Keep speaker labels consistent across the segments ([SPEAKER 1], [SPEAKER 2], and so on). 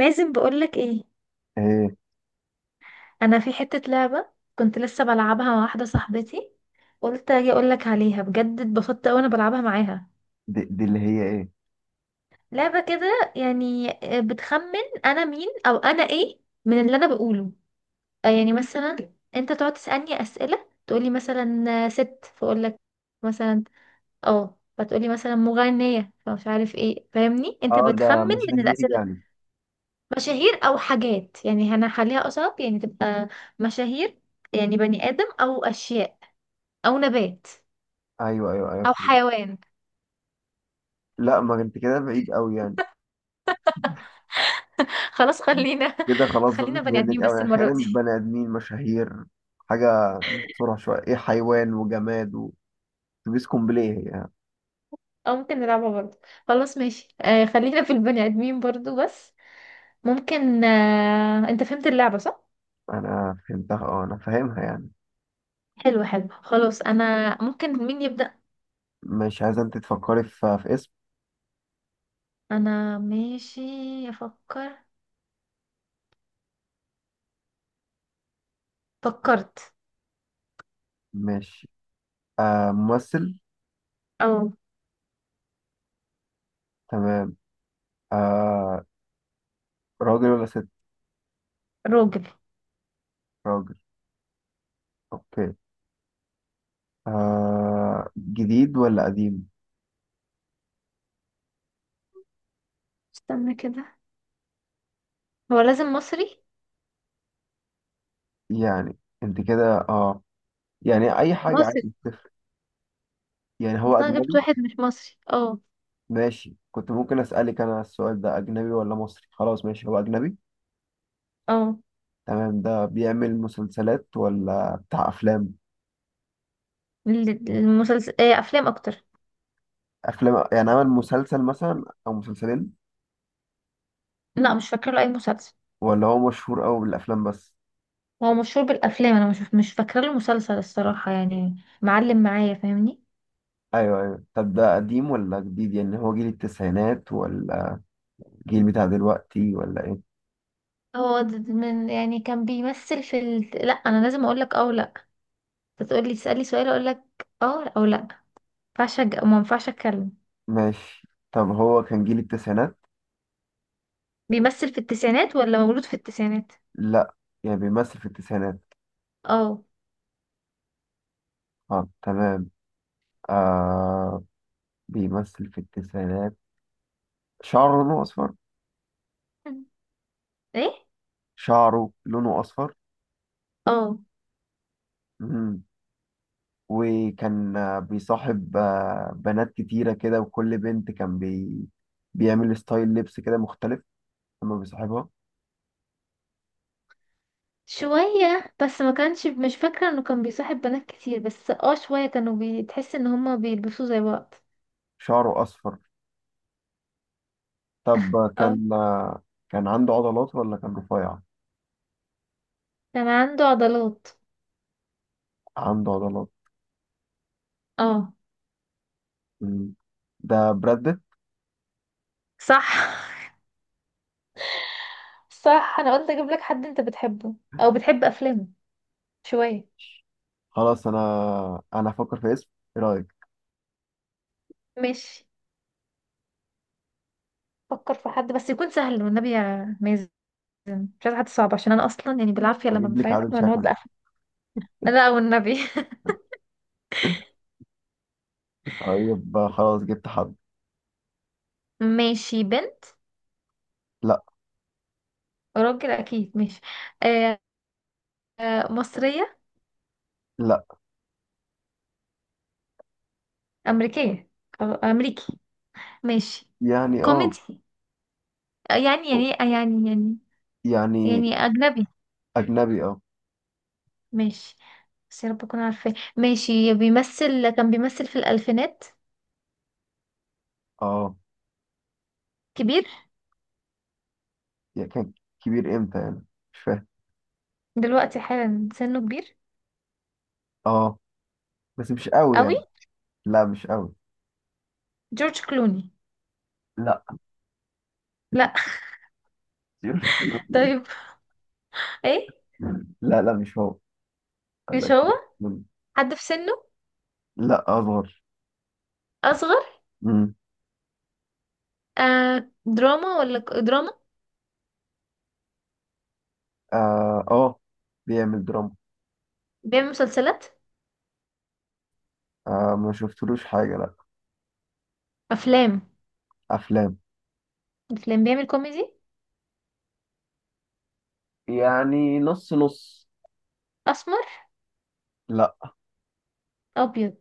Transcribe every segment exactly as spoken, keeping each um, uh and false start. [SPEAKER 1] لازم بقولك ايه.
[SPEAKER 2] ايه؟
[SPEAKER 1] انا في حتة لعبة، كنت لسه بلعبها مع واحدة صاحبتي. قلت اجي اقولك عليها، بجد اتبسطت اوي انا بلعبها معاها.
[SPEAKER 2] دي, دي اللي هي ايه؟
[SPEAKER 1] لعبة كده يعني. آه، بتخمن انا مين او انا ايه من اللي انا بقوله. آه، يعني مثلا انت تقعد تسألني اسئلة، تقولي مثلا آه، ست، فاقولك مثلا. اه فتقولي مثلا مغنية فمش عارف ايه، فاهمني؟ انت
[SPEAKER 2] اه، ده
[SPEAKER 1] بتخمن من
[SPEAKER 2] مشاهير
[SPEAKER 1] الاسئلة.
[SPEAKER 2] يعني؟
[SPEAKER 1] مشاهير او حاجات، يعني هنخليها اصعب، يعني تبقى مشاهير. يعني بني ادم او اشياء او نبات
[SPEAKER 2] ايوه ايوه ايوه،
[SPEAKER 1] او
[SPEAKER 2] فهمت.
[SPEAKER 1] حيوان.
[SPEAKER 2] لا، ما انت كده بعيد قوي يعني.
[SPEAKER 1] خلاص خلينا.
[SPEAKER 2] كده خلاص،
[SPEAKER 1] خلينا
[SPEAKER 2] زادت
[SPEAKER 1] بني ادمين
[SPEAKER 2] منك
[SPEAKER 1] بس
[SPEAKER 2] قوي.
[SPEAKER 1] المره
[SPEAKER 2] احيانا
[SPEAKER 1] دي.
[SPEAKER 2] بني ادمين مشاهير، حاجه مقصوره شويه، ايه، حيوان وجماد، وتبيس كومبليه يعني.
[SPEAKER 1] او ممكن نلعبها برضه. خلاص ماشي، آه خلينا في البني ادمين برضه. بس ممكن، آه، انت فهمت اللعبه صح؟
[SPEAKER 2] انا فهمتها، اه انا فاهمها يعني.
[SPEAKER 1] حلو حلو. خلاص انا ممكن مين يبدا؟
[SPEAKER 2] مش عايزه. انت تفكري في, في اسم.
[SPEAKER 1] انا ماشي. افكر. فكرت.
[SPEAKER 2] ماشي. آه، ممثل.
[SPEAKER 1] او
[SPEAKER 2] تمام. آه، راجل ولا ست؟
[SPEAKER 1] راجل.
[SPEAKER 2] راجل. اوكي. آه، جديد ولا قديم؟
[SPEAKER 1] استنى كده، هو لازم مصري؟
[SPEAKER 2] يعني انت كده اه، يعني اي حاجه عادي،
[SPEAKER 1] مصري.
[SPEAKER 2] مش تفرق. يعني هو
[SPEAKER 1] ده جبت
[SPEAKER 2] اجنبي؟
[SPEAKER 1] واحد مش مصري، اه.
[SPEAKER 2] ماشي، كنت ممكن اسالك انا السؤال ده، اجنبي ولا مصري. خلاص ماشي، هو اجنبي.
[SPEAKER 1] اه.
[SPEAKER 2] تمام. ده بيعمل مسلسلات ولا بتاع افلام؟
[SPEAKER 1] ال- المسلسل، آه افلام اكتر.
[SPEAKER 2] افلام، يعني عمل مسلسل مثلا او مسلسلين؟
[SPEAKER 1] لا مش فاكره له اي مسلسل.
[SPEAKER 2] ولا هو مشهور قوي بالافلام بس؟
[SPEAKER 1] هو مشهور بالافلام، انا مش مش فاكره له مسلسل الصراحه يعني. معلم معايا، فاهمني؟
[SPEAKER 2] ايوه ايوه. طب ده قديم ولا جديد؟ يعني هو جيل التسعينات ولا جيل بتاع دلوقتي ولا ايه؟
[SPEAKER 1] هو د- د- من، يعني كان بيمثل في ال... لا انا لازم اقول لك اه ولا تقول لي؟ تسالي سؤال اقول لك اه او لا. ما ينفعش أج- ما ينفعش اتكلم.
[SPEAKER 2] ماشي. طب هو كان جيل التسعينات.
[SPEAKER 1] بيمثل في التسعينات ولا مولود في التسعينات؟
[SPEAKER 2] لا، يعني بيمثل في التسعينات.
[SPEAKER 1] اه.
[SPEAKER 2] اه تمام. آه، بيمثل في التسعينات. شعره لونه أصفر.
[SPEAKER 1] ايه؟
[SPEAKER 2] شعره لونه أصفر.
[SPEAKER 1] اه.
[SPEAKER 2] مم. وكان آه، بيصاحب آه، بنات كتيرة كده، وكل بنت كان بي... بيعمل ستايل لبس كده مختلف لما بيصاحبها.
[SPEAKER 1] شوية بس، ما كانش، مش فاكرة انه كان بيصاحب بنات كتير، بس اه شوية كانوا بتحس ان هما بيلبسوا زي بعض.
[SPEAKER 2] شعره أصفر. طب آه،
[SPEAKER 1] اه
[SPEAKER 2] كان آه، كان عنده عضلات ولا كان رفيع؟
[SPEAKER 1] كان عنده عضلات.
[SPEAKER 2] عنده عضلات.
[SPEAKER 1] اه.
[SPEAKER 2] مم. ده براد بيت.
[SPEAKER 1] صح. صح، انا قلت اجيب لك حد انت بتحبه او بتحب افلامه شوية.
[SPEAKER 2] خلاص أنا، أنا هفكر في اسم. إيه رأيك؟
[SPEAKER 1] ماشي، فكر في حد بس يكون سهل والنبي يا مازن. مش عايزة حد صعب عشان انا اصلا يعني بالعافية لما
[SPEAKER 2] جيب لك
[SPEAKER 1] بفهم
[SPEAKER 2] عادل
[SPEAKER 1] ما نقعد
[SPEAKER 2] شكل.
[SPEAKER 1] بقى. لا والنبي.
[SPEAKER 2] طيب آه، خلاص جبت حد.
[SPEAKER 1] ماشي، بنت؟
[SPEAKER 2] لا
[SPEAKER 1] راجل اكيد، ماشي. آه. آه، مصرية؟
[SPEAKER 2] لا
[SPEAKER 1] امريكية. آه، امريكي. ماشي.
[SPEAKER 2] يعني اه،
[SPEAKER 1] كوميدي. يعني يعني يعني يعني.
[SPEAKER 2] يعني
[SPEAKER 1] يعني أجنبي.
[SPEAKER 2] أجنبي اه
[SPEAKER 1] ماشي. بس يا رب أكون عارفاه. ماشي بيمثل، كان بيمثل في الألفينات.
[SPEAKER 2] اه،
[SPEAKER 1] كبير.
[SPEAKER 2] يعني كان. كبير امتى يعني؟ مش فاهم.
[SPEAKER 1] دلوقتي حالا سنه كبير.
[SPEAKER 2] اه، بس مش قوي
[SPEAKER 1] قوي.
[SPEAKER 2] يعني. لا مش قوي.
[SPEAKER 1] جورج كلوني.
[SPEAKER 2] لا
[SPEAKER 1] لا.
[SPEAKER 2] مش قوي.
[SPEAKER 1] طيب. ايه؟
[SPEAKER 2] لا لا مش هو،
[SPEAKER 1] مش
[SPEAKER 2] لكن.
[SPEAKER 1] هو. حد في سنه.
[SPEAKER 2] لا اصغر.
[SPEAKER 1] أصغر.
[SPEAKER 2] امم
[SPEAKER 1] آه دراما ولا ك- دراما؟
[SPEAKER 2] اه، آه، بيعمل دراما.
[SPEAKER 1] بيعمل مسلسلات.
[SPEAKER 2] آه، ما شفتلوش حاجة لا.
[SPEAKER 1] أفلام.
[SPEAKER 2] افلام،
[SPEAKER 1] أفلام. بيعمل كوميدي.
[SPEAKER 2] يعني نص نص.
[SPEAKER 1] أسمر.
[SPEAKER 2] لا
[SPEAKER 1] أبيض.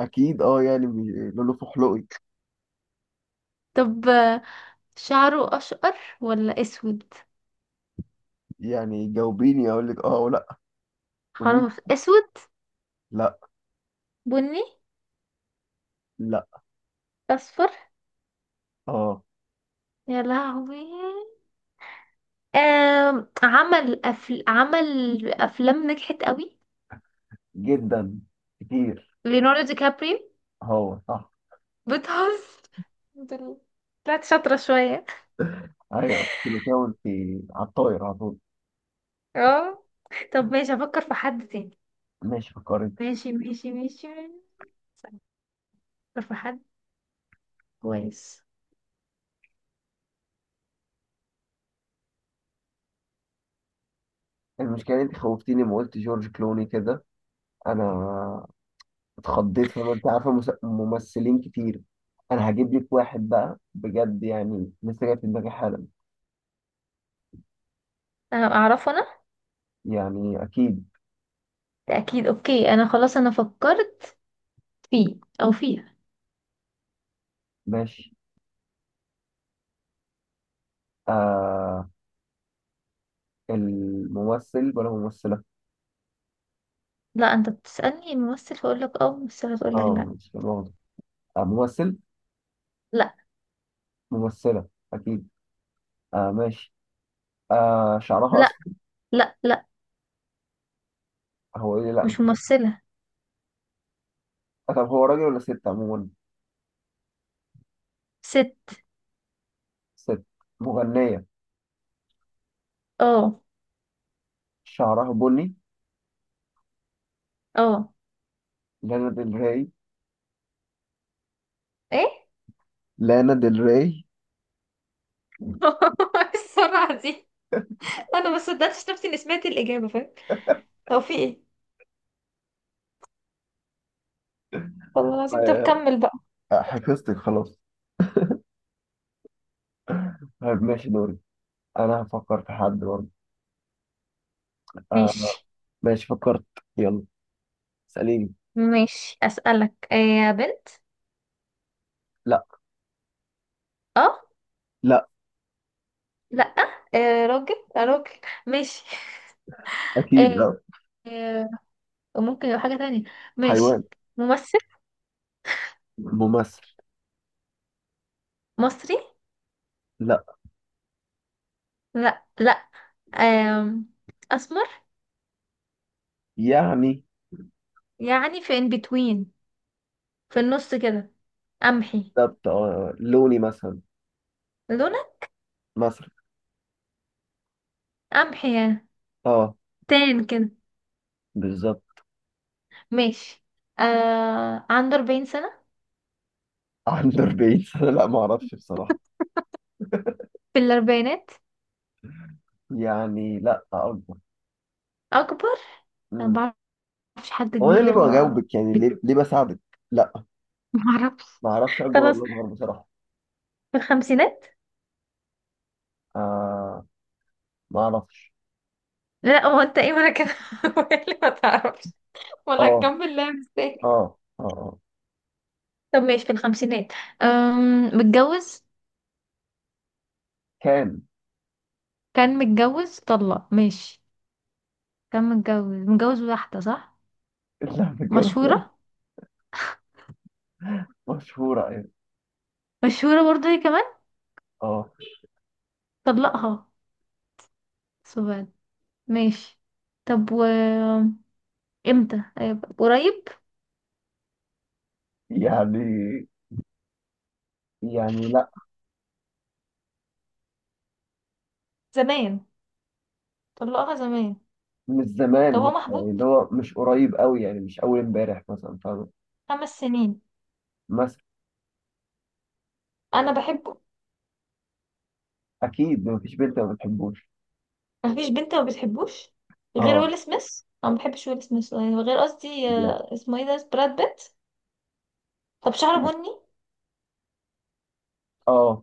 [SPEAKER 2] اكيد، اه يعني بي- لولو فحلوقي.
[SPEAKER 1] طب، آه، شعره أشقر ولا أسود؟
[SPEAKER 2] يعني جاوبيني، اقول لك اه ولا؟ قولي
[SPEAKER 1] خلاص أسود.
[SPEAKER 2] لا
[SPEAKER 1] بني.
[SPEAKER 2] لا.
[SPEAKER 1] اصفر.
[SPEAKER 2] اه،
[SPEAKER 1] يا لهوي. آم، عمل أفل... عمل افلام نجحت قوي.
[SPEAKER 2] جدا، كتير.
[SPEAKER 1] ليوناردو دي كابريو.
[SPEAKER 2] هو صح!
[SPEAKER 1] بتهزر؟ الحمد لله. طلعت شاطرة شوية.
[SPEAKER 2] ايوه، كنت بتقول في على الطاير على طول.
[SPEAKER 1] اه. طب ماشي افكر في حد تاني.
[SPEAKER 2] ماشي فكرت.
[SPEAKER 1] ماشي ماشي ماشي. افكر في حد. كويس.
[SPEAKER 2] المشكلة انت خوفتيني لما قلت جورج كلوني كده، انا اتخضيت. فما انت عارفة، مس- ممثلين كتير. انا هجيب لك واحد بقى بجد، يعني لسه جاي في دماغي حالا.
[SPEAKER 1] انا اعرفه انا؟
[SPEAKER 2] يعني اكيد.
[SPEAKER 1] ده اكيد. اوكي انا خلاص انا فكرت. فيه. او فيها.
[SPEAKER 2] ماشي. آه، الممثل ولا ممثلة؟
[SPEAKER 1] لا انت بتسألني ممثل فاقول لك اه، ممثلة تقول لك
[SPEAKER 2] اه
[SPEAKER 1] لا.
[SPEAKER 2] مش واضح. آه ممثل.
[SPEAKER 1] لا.
[SPEAKER 2] ممثلة اكيد. اه ماشي. آه، شعرها
[SPEAKER 1] لا
[SPEAKER 2] اسود.
[SPEAKER 1] لا. لا.
[SPEAKER 2] هو ايه؟ لا مش
[SPEAKER 1] مش
[SPEAKER 2] ممثل.
[SPEAKER 1] ممثلة.
[SPEAKER 2] آه، طب هو راجل ولا ست عموما؟
[SPEAKER 1] ست.
[SPEAKER 2] ست. مغنية.
[SPEAKER 1] اه.
[SPEAKER 2] شعرها بني.
[SPEAKER 1] اه.
[SPEAKER 2] لانا ديل ري.
[SPEAKER 1] ايه؟
[SPEAKER 2] لانا ديل ري.
[SPEAKER 1] السرعة دي! انا ما صدقتش نفسي اني سمعت الإجابة، فاهم؟ هو في ايه؟ والله العظيم. طب
[SPEAKER 2] آه،
[SPEAKER 1] كمل بقى.
[SPEAKER 2] حفظتك خلاص. طيب ماشي، دوري. انا هفكر في حد برضه. آه.
[SPEAKER 1] ماشي.
[SPEAKER 2] ماشي فكرت. يلا، اسأليني.
[SPEAKER 1] ماشي أسألك، آه، يا بنت؟
[SPEAKER 2] لا.
[SPEAKER 1] اه.
[SPEAKER 2] لا
[SPEAKER 1] لا. آه راجل، آه راجل. ماشي.
[SPEAKER 2] اكيد
[SPEAKER 1] آه،
[SPEAKER 2] لا.
[SPEAKER 1] آه، ممكن يبقى حاجة تانية. ماشي.
[SPEAKER 2] حيوان؟
[SPEAKER 1] ممثل.
[SPEAKER 2] ممثل.
[SPEAKER 1] مصري؟
[SPEAKER 2] لا
[SPEAKER 1] لا لا. آم، أسمر.
[SPEAKER 2] يعني.
[SPEAKER 1] يعني في in between، في النص كده. قمحي.
[SPEAKER 2] بالظبط، آه لوني مثلا.
[SPEAKER 1] لونك.
[SPEAKER 2] مصري
[SPEAKER 1] قمحي يعني.
[SPEAKER 2] اه،
[SPEAKER 1] تان كده.
[SPEAKER 2] بالظبط.
[SPEAKER 1] ماشي. آه عنده أربعين سنة.
[SPEAKER 2] عنده أربعين سنة؟ لا، ما اعرفش بصراحة،
[SPEAKER 1] في الأربعينات.
[SPEAKER 2] يعني لا اكبر.
[SPEAKER 1] أكبر. أنا
[SPEAKER 2] أمم.
[SPEAKER 1] ما بعرفش حد
[SPEAKER 2] هو انا
[SPEAKER 1] كبير
[SPEAKER 2] ليه
[SPEAKER 1] ولا-
[SPEAKER 2] بجاوبك يعني؟ ليه ليه بساعدك؟ لا
[SPEAKER 1] ما بعرفش.
[SPEAKER 2] ما اعرفش اكبر
[SPEAKER 1] خلاص
[SPEAKER 2] ولا اصغر بصراحة.
[SPEAKER 1] في الخمسينات.
[SPEAKER 2] آه ما اعرفش.
[SPEAKER 1] لا هو أنت إيه؟ ما أنا كده. اللي ما تعرفش، ولا
[SPEAKER 2] اه،
[SPEAKER 1] هكمل؟ لا،
[SPEAKER 2] اه،
[SPEAKER 1] مستني.
[SPEAKER 2] اه، آه. آه.
[SPEAKER 1] طب ماشي في الخمسينات. أم متجوز؟
[SPEAKER 2] كان.
[SPEAKER 1] كان متجوز، طلق، ماشي. كان متجوز. متجوز واحدة صح؟
[SPEAKER 2] اللعبة كانت لعبة
[SPEAKER 1] مشهورة.
[SPEAKER 2] مشهورة يعني،
[SPEAKER 1] مشهورة برضه هي كمان.
[SPEAKER 2] اه،
[SPEAKER 1] طلقها. سبحان. ماشي. طب، و امتى؟ أيوة، قريب.
[SPEAKER 2] يعني يعني. لا
[SPEAKER 1] زمان. طلقها زمان.
[SPEAKER 2] مش
[SPEAKER 1] طب
[SPEAKER 2] زمان،
[SPEAKER 1] هو
[SPEAKER 2] لا،
[SPEAKER 1] محبوب؟
[SPEAKER 2] يعني اللي هو مش قريب قوي، يعني مش أول امبارح مثلا، فاهم.
[SPEAKER 1] خمس سنين.
[SPEAKER 2] مثلا.
[SPEAKER 1] انا بحبه.
[SPEAKER 2] أكيد مفيش بنت ما بتحبوش.
[SPEAKER 1] مفيش بنت ما بتحبوش. غير
[SPEAKER 2] اه
[SPEAKER 1] ويل سميث، انا ما بحبش ويل سميث يعني. غير قصدي،
[SPEAKER 2] يعني.
[SPEAKER 1] آه، اسمه ايه، ده براد بيت. طب شعره بني.
[SPEAKER 2] اه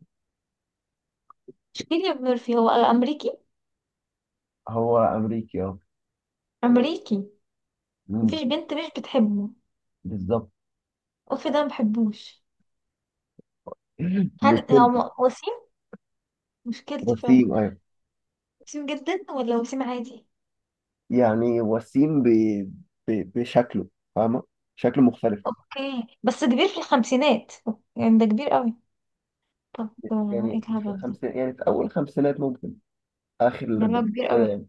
[SPEAKER 1] كيليان ميرفي، هو امريكي؟
[SPEAKER 2] هو أمريكي اه.
[SPEAKER 1] امريكي.
[SPEAKER 2] مم،
[SPEAKER 1] مفيش بنت مش بتحبه.
[SPEAKER 2] بالظبط.
[SPEAKER 1] اوف، ده ما بحبوش. هن...
[SPEAKER 2] مشكلة.
[SPEAKER 1] هو م- وسيم. مشكلتي فعلا.
[SPEAKER 2] وسيم أيوه.
[SPEAKER 1] وسيم جدا ولا وسيم عادي؟
[SPEAKER 2] يعني وسيم ب... ب... بشكله، فاهمة؟ شكله مختلف.
[SPEAKER 1] اوكي بس كبير في الخمسينات، يعني ده كبير قوي. طب، آه، ايه
[SPEAKER 2] يعني مش في
[SPEAKER 1] الهبل ده؟
[SPEAKER 2] الخمسين، يعني في أول خمسينات ممكن، آخر
[SPEAKER 1] ده اللي هو
[SPEAKER 2] الأربعينات
[SPEAKER 1] كبير
[SPEAKER 2] كده
[SPEAKER 1] قوي.
[SPEAKER 2] يعني.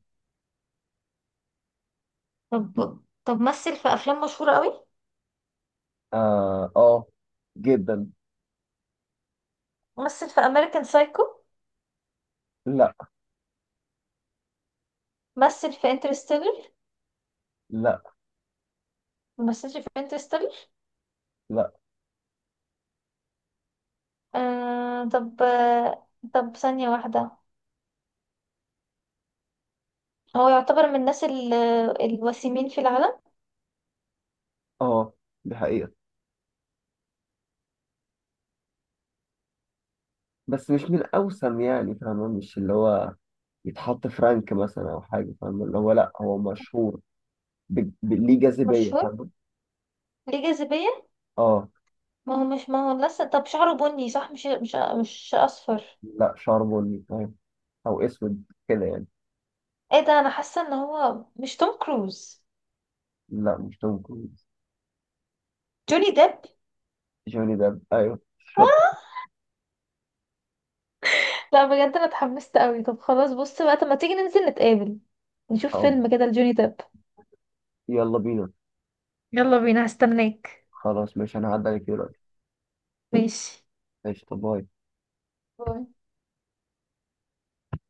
[SPEAKER 1] طب طب مثل في افلام مشهورة قوي.
[SPEAKER 2] آه, آه جدا.
[SPEAKER 1] مثل في امريكان سايكو.
[SPEAKER 2] لا
[SPEAKER 1] مثل في انترستيلر.
[SPEAKER 2] لا
[SPEAKER 1] ممثلش في انترستيلر.
[SPEAKER 2] لا.
[SPEAKER 1] آه طب آه. طب ثانية واحدة. هو يعتبر من الناس ال- الوسيمين في العالم.
[SPEAKER 2] اه دي حقيقة، بس مش من الأوسم يعني، فاهمة. مش اللي هو يتحط في رانك مثلا أو حاجة، فاهمة؟ اللي هو لا، هو مشهور ب... ب... ليه جاذبية،
[SPEAKER 1] مشهور.
[SPEAKER 2] فاهمة؟
[SPEAKER 1] ليه جاذبية.
[SPEAKER 2] اه.
[SPEAKER 1] ما هو مش ما هو لسه طب شعره بني صح، مش مش مش أصفر.
[SPEAKER 2] لا، شعر بني فاهم، أو أسود كده يعني.
[SPEAKER 1] ايه ده! انا حاسة ان هو مش توم كروز.
[SPEAKER 2] لا مش توم كروز.
[SPEAKER 1] جوني ديب.
[SPEAKER 2] جوني ديب أيوه،
[SPEAKER 1] آه!
[SPEAKER 2] شط!
[SPEAKER 1] لا بجد انا اتحمست قوي. طب خلاص بص بقى، طب ما تيجي ننزل نتقابل نشوف
[SPEAKER 2] طب
[SPEAKER 1] فيلم كده لجوني ديب.
[SPEAKER 2] يلا بينا.
[SPEAKER 1] يلا بينا، هستناك.
[SPEAKER 2] خلاص ماشي، أنا هعدي عليك دلوقتي.
[SPEAKER 1] ماشي.
[SPEAKER 2] ماشي، طب باي.
[SPEAKER 1] باي.